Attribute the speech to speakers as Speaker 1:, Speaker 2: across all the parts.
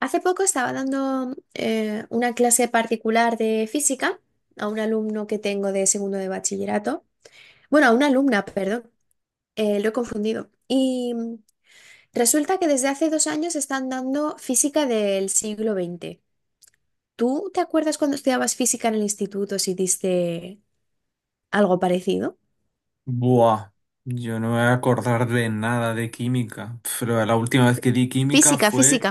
Speaker 1: Hace poco estaba dando una clase particular de física a un alumno que tengo de segundo de bachillerato. Bueno, a una alumna, perdón, lo he confundido. Resulta que desde hace dos años están dando física del siglo XX. ¿Tú te acuerdas cuando estudiabas física en el instituto si diste algo parecido?
Speaker 2: Buah, yo no me voy a acordar de nada de química. Pero la última vez que di química
Speaker 1: Física,
Speaker 2: fue...
Speaker 1: física.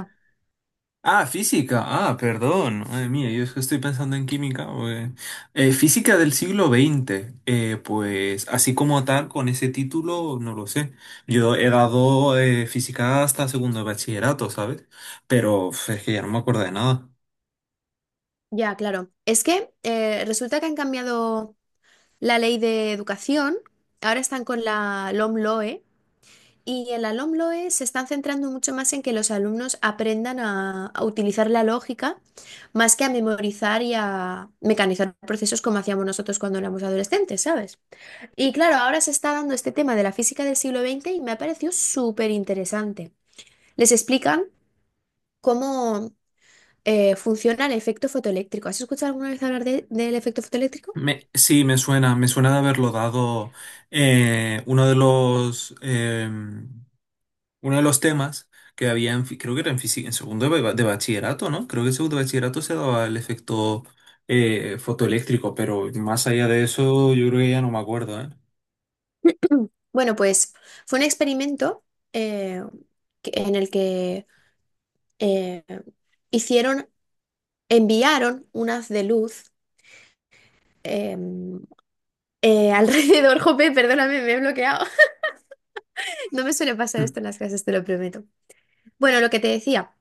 Speaker 2: Ah, física. Ah, perdón. Madre mía, yo es que estoy pensando en química, física del siglo XX. Pues así como tal, con ese título, no lo sé. Yo he dado física hasta segundo de bachillerato, ¿sabes? Pero uf, es que ya no me acuerdo de nada.
Speaker 1: Ya, claro. Es que resulta que han cambiado la ley de educación. Ahora están con la LOMLOE. Y en el Alomloe se están centrando mucho más en que los alumnos aprendan a utilizar la lógica más que a memorizar y a mecanizar procesos como hacíamos nosotros cuando éramos adolescentes, ¿sabes? Y claro, ahora se está dando este tema de la física del siglo XX y me ha parecido súper interesante. Les explican cómo funciona el efecto fotoeléctrico. ¿Has escuchado alguna vez hablar del efecto fotoeléctrico?
Speaker 2: Sí, me suena de haberlo dado uno de los... uno de los temas que había, creo que era en segundo de bachillerato, ¿no? Creo que en segundo de bachillerato se daba el efecto fotoeléctrico, pero más allá de eso, yo creo que ya no me acuerdo, ¿eh?
Speaker 1: Bueno, pues fue un experimento eh, en el que... eh, hicieron enviaron unas de luz em, alrededor. Jope, perdóname, me he bloqueado. No me suele pasar esto en las clases, te lo prometo. Bueno, lo que te decía,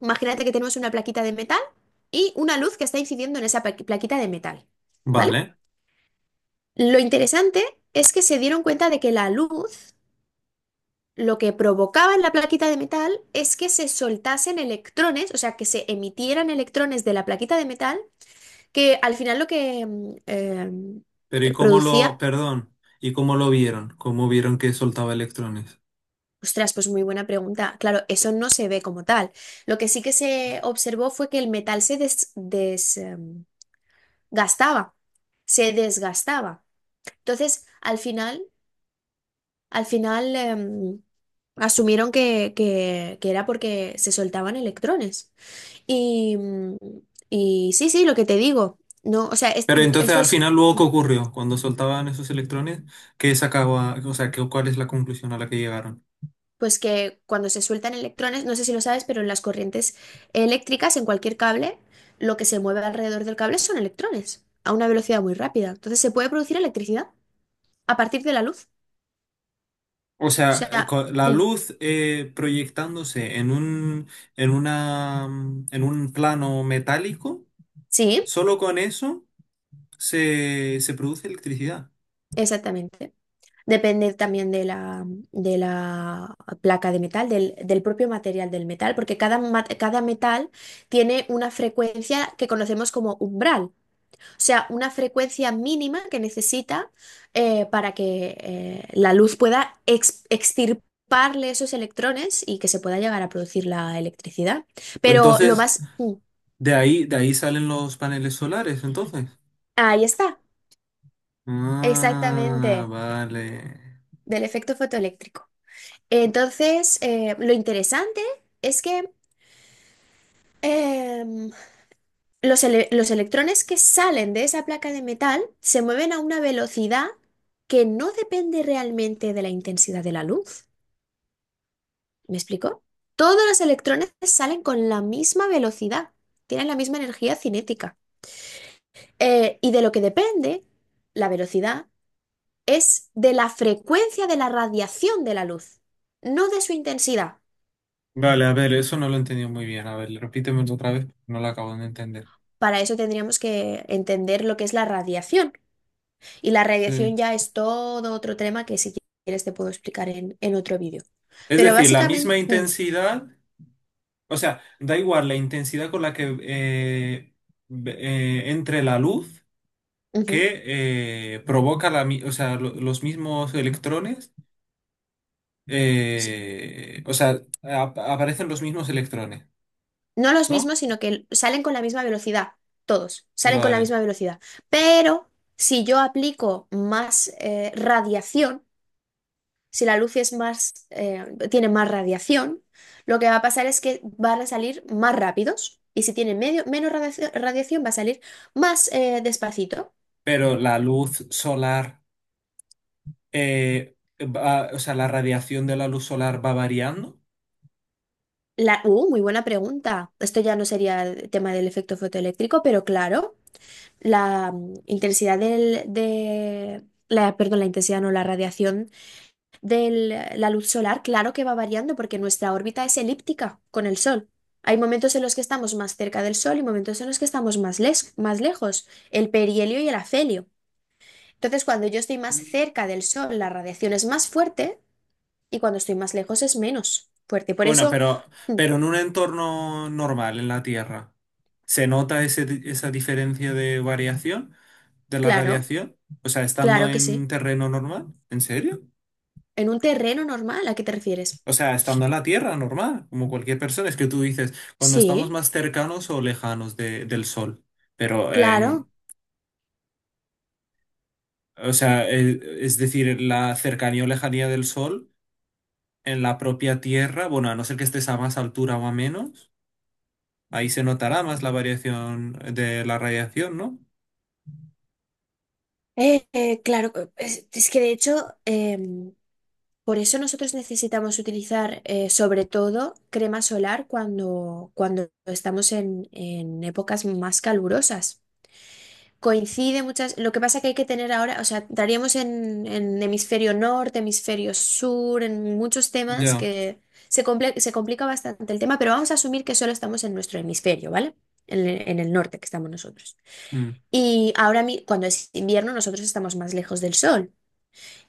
Speaker 1: imagínate que tenemos una plaquita de metal y una luz que está incidiendo en esa plaquita de metal, ¿vale?
Speaker 2: Vale,
Speaker 1: Lo interesante es que se dieron cuenta de que la luz lo que provocaba en la plaquita de metal es que se soltasen electrones, o sea, que se emitieran electrones de la plaquita de metal, que al final lo que
Speaker 2: pero ¿y cómo lo,
Speaker 1: producía.
Speaker 2: perdón, ¿y cómo lo vieron? ¿Cómo vieron que soltaba electrones?
Speaker 1: Ostras, pues muy buena pregunta. Claro, eso no se ve como tal. Lo que sí que se observó fue que el metal se desgastaba, se desgastaba. Entonces, al final asumieron que, que era porque se soltaban electrones. Y, mm, y sí, lo que te digo. No, o sea,
Speaker 2: Pero entonces al
Speaker 1: estos
Speaker 2: final luego, ¿qué ocurrió? Cuando soltaban esos electrones, ¿qué sacaba, o sea, qué, cuál es la conclusión a la que llegaron?
Speaker 1: pues que cuando se sueltan electrones, no sé si lo sabes, pero en las corrientes eléctricas, en cualquier cable, lo que se mueve alrededor del cable son electrones, a una velocidad muy rápida. Entonces se puede producir electricidad a partir de la luz.
Speaker 2: O
Speaker 1: O
Speaker 2: sea,
Speaker 1: sea,
Speaker 2: la luz proyectándose en un, en una, en un plano metálico,
Speaker 1: sí,
Speaker 2: solo con eso se produce electricidad.
Speaker 1: exactamente. Depende también de la placa de metal, del, del propio material del metal, porque cada, cada metal tiene una frecuencia que conocemos como umbral. O sea, una frecuencia mínima que necesita para que la luz pueda extirparle esos electrones y que se pueda llegar a producir la electricidad.
Speaker 2: O
Speaker 1: Pero lo
Speaker 2: Entonces,
Speaker 1: más...
Speaker 2: de ahí salen los paneles solares, entonces.
Speaker 1: ahí está,
Speaker 2: Ah,
Speaker 1: exactamente,
Speaker 2: vale.
Speaker 1: del efecto fotoeléctrico. Entonces, lo interesante es que em, los, los electrones que salen de esa placa de metal se mueven a una velocidad que no depende realmente de la intensidad de la luz. ¿Me explico? Todos los electrones salen con la misma velocidad, tienen la misma energía cinética. Y de lo que depende la velocidad es de la frecuencia de la radiación de la luz, no de su intensidad.
Speaker 2: Vale, a ver, eso no lo he entendido muy bien. A ver, repítemelo otra vez, no lo acabo de entender.
Speaker 1: Para eso tendríamos que entender lo que es la radiación. Y la radiación
Speaker 2: Sí.
Speaker 1: ya es todo otro tema que si quieres te puedo explicar en otro vídeo.
Speaker 2: Es
Speaker 1: Pero
Speaker 2: decir, la misma
Speaker 1: básicamente...
Speaker 2: intensidad. O sea, da igual la intensidad con la que entre la luz
Speaker 1: ujú.
Speaker 2: que provoca o sea, los mismos electrones,
Speaker 1: Sí.
Speaker 2: o sea, aparecen los mismos electrones,
Speaker 1: No los
Speaker 2: ¿no?
Speaker 1: mismos, sino que salen con la misma velocidad, todos, salen con la
Speaker 2: Vale.
Speaker 1: misma velocidad. Pero si yo aplico más radiación, si la luz es más, tiene más radiación, lo que va a pasar es que van a salir más rápidos. Y si tiene medio, menos radiación, va a salir más despacito.
Speaker 2: Pero la luz solar, o sea, la radiación de la luz solar va variando.
Speaker 1: Muy buena pregunta. Esto ya no sería el tema del efecto fotoeléctrico, pero claro, la intensidad de la perdón, la intensidad no, la radiación de la luz solar, claro que va variando porque nuestra órbita es elíptica con el Sol. Hay momentos en los que estamos más cerca del Sol y momentos en los que estamos más, más lejos, el perihelio y el afelio. Entonces, cuando yo estoy más cerca del Sol, la radiación es más fuerte y cuando estoy más lejos es menos fuerte. Por
Speaker 2: Bueno,
Speaker 1: eso, mm,
Speaker 2: pero en un entorno normal, en la Tierra, ¿se nota ese esa diferencia de variación? ¿De la
Speaker 1: claro,
Speaker 2: radiación? O sea, estando
Speaker 1: claro que
Speaker 2: en
Speaker 1: sí.
Speaker 2: terreno normal, ¿en serio?
Speaker 1: En un terreno normal, ¿a qué te refieres?
Speaker 2: O sea, estando en la Tierra normal, como cualquier persona. Es que tú dices, cuando estamos
Speaker 1: Sí,
Speaker 2: más cercanos o lejanos del Sol. Pero,
Speaker 1: claro.
Speaker 2: en, o sea, es decir, la cercanía o lejanía del Sol en la propia Tierra, bueno, a no ser que estés a más altura o a menos, ahí se notará más la variación de la radiación, ¿no?
Speaker 1: Claro, es que de hecho, por eso nosotros necesitamos utilizar sobre todo crema solar cuando, cuando estamos en épocas más calurosas. Coincide muchas, lo que pasa que hay que tener ahora, o sea, estaríamos en hemisferio norte, hemisferio sur, en muchos temas
Speaker 2: Ya.
Speaker 1: que se, se complica bastante el tema, pero vamos a asumir que solo estamos en nuestro hemisferio, ¿vale? En el norte que estamos nosotros.
Speaker 2: Mm,
Speaker 1: Y ahora cuando es invierno nosotros estamos más lejos del sol.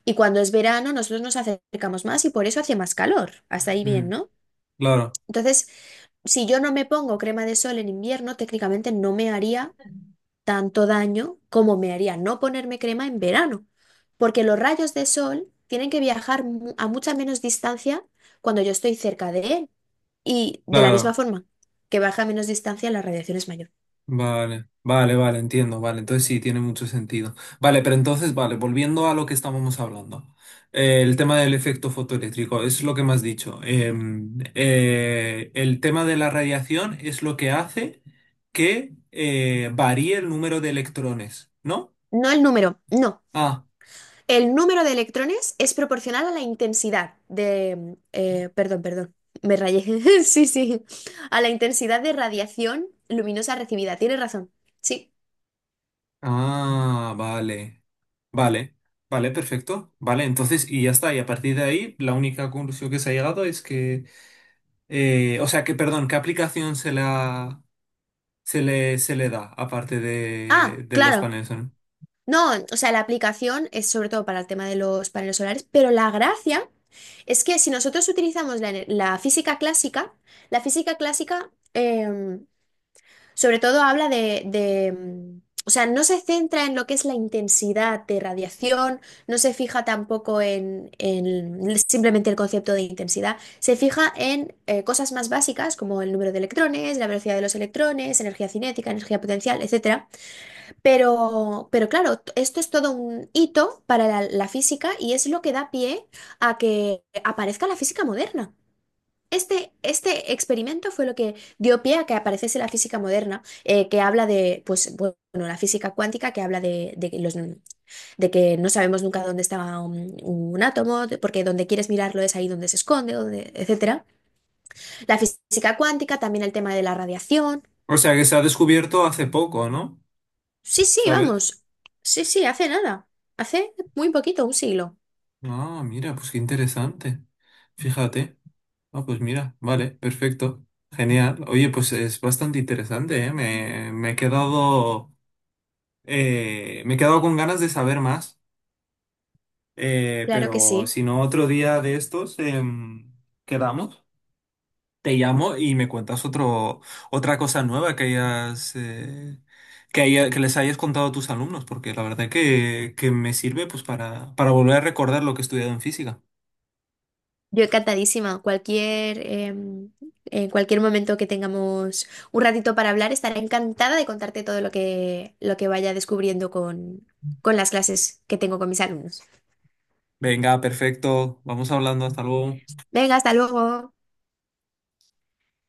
Speaker 1: Y cuando es verano, nosotros nos acercamos más y por eso hace más calor. Hasta ahí bien,
Speaker 2: mm.
Speaker 1: ¿no?
Speaker 2: Claro,
Speaker 1: Entonces, si yo no me pongo crema de sol en invierno, técnicamente no me haría tanto daño como me haría no ponerme crema en verano, porque los rayos de sol tienen que viajar a mucha menos distancia cuando yo estoy cerca de él. Y de la misma
Speaker 2: claro.
Speaker 1: forma que baja a menos distancia, la radiación es mayor.
Speaker 2: Vale, vale, vale, entiendo, vale, entonces sí, tiene mucho sentido. Vale, pero entonces, vale, volviendo a lo que estábamos hablando, el tema del efecto fotoeléctrico, es lo que me has dicho. El tema de la radiación es lo que hace que varíe el número de electrones, ¿no?
Speaker 1: No el número, no.
Speaker 2: Ah,
Speaker 1: El número de electrones es proporcional a la intensidad de... perdón, perdón, me rayé. Sí. A la intensidad de radiación luminosa recibida. Tienes razón. Sí.
Speaker 2: ah, vale, vale, vale, perfecto, vale, entonces, y ya está, y a partir de ahí, la única conclusión que se ha llegado es que... o sea, que, perdón, ¿qué aplicación se le da, aparte
Speaker 1: Ah,
Speaker 2: de los
Speaker 1: claro.
Speaker 2: paneles, ¿no?
Speaker 1: No, o sea, la aplicación es sobre todo para el tema de los paneles solares, pero la gracia es que si nosotros utilizamos la, la física clásica... sobre todo habla de, o sea, no se centra en lo que es la intensidad de radiación, no se fija tampoco en, en simplemente el concepto de intensidad, se fija en cosas más básicas como el número de electrones, la velocidad de los electrones, energía cinética, energía potencial, etcétera. Pero claro, esto es todo un hito para la física y es lo que da pie a que aparezca la física moderna. Este experimento fue lo que dio pie a que apareciese la física moderna, que habla de, pues, bueno, la física cuántica, que habla de que los, de que no sabemos nunca dónde está un átomo, porque donde quieres mirarlo es ahí donde se esconde, donde, etcétera. La física cuántica, también el tema de la radiación.
Speaker 2: O sea, que se ha descubierto hace poco, ¿no?
Speaker 1: Sí, sí,
Speaker 2: ¿Sabes?
Speaker 1: vamos. Sí, sí, hace nada. Hace muy poquito, un siglo.
Speaker 2: Ah, mira, pues qué interesante. Fíjate. Ah, pues mira, vale, perfecto. Genial. Oye, pues es bastante interesante, ¿eh? Me, me he quedado con ganas de saber más.
Speaker 1: Claro que
Speaker 2: Pero
Speaker 1: sí.
Speaker 2: si no, otro día de estos, quedamos. Te llamo y me cuentas otro, otra cosa nueva que hayas, que les hayas contado a tus alumnos, porque la verdad que me sirve pues para volver a recordar lo que he estudiado en física.
Speaker 1: Yo encantadísima. Cualquier, en cualquier momento que tengamos un ratito para hablar, estaré encantada de contarte todo lo que vaya descubriendo con las clases que tengo con mis alumnos.
Speaker 2: Venga, perfecto. Vamos hablando. Hasta luego.
Speaker 1: Venga, hasta luego.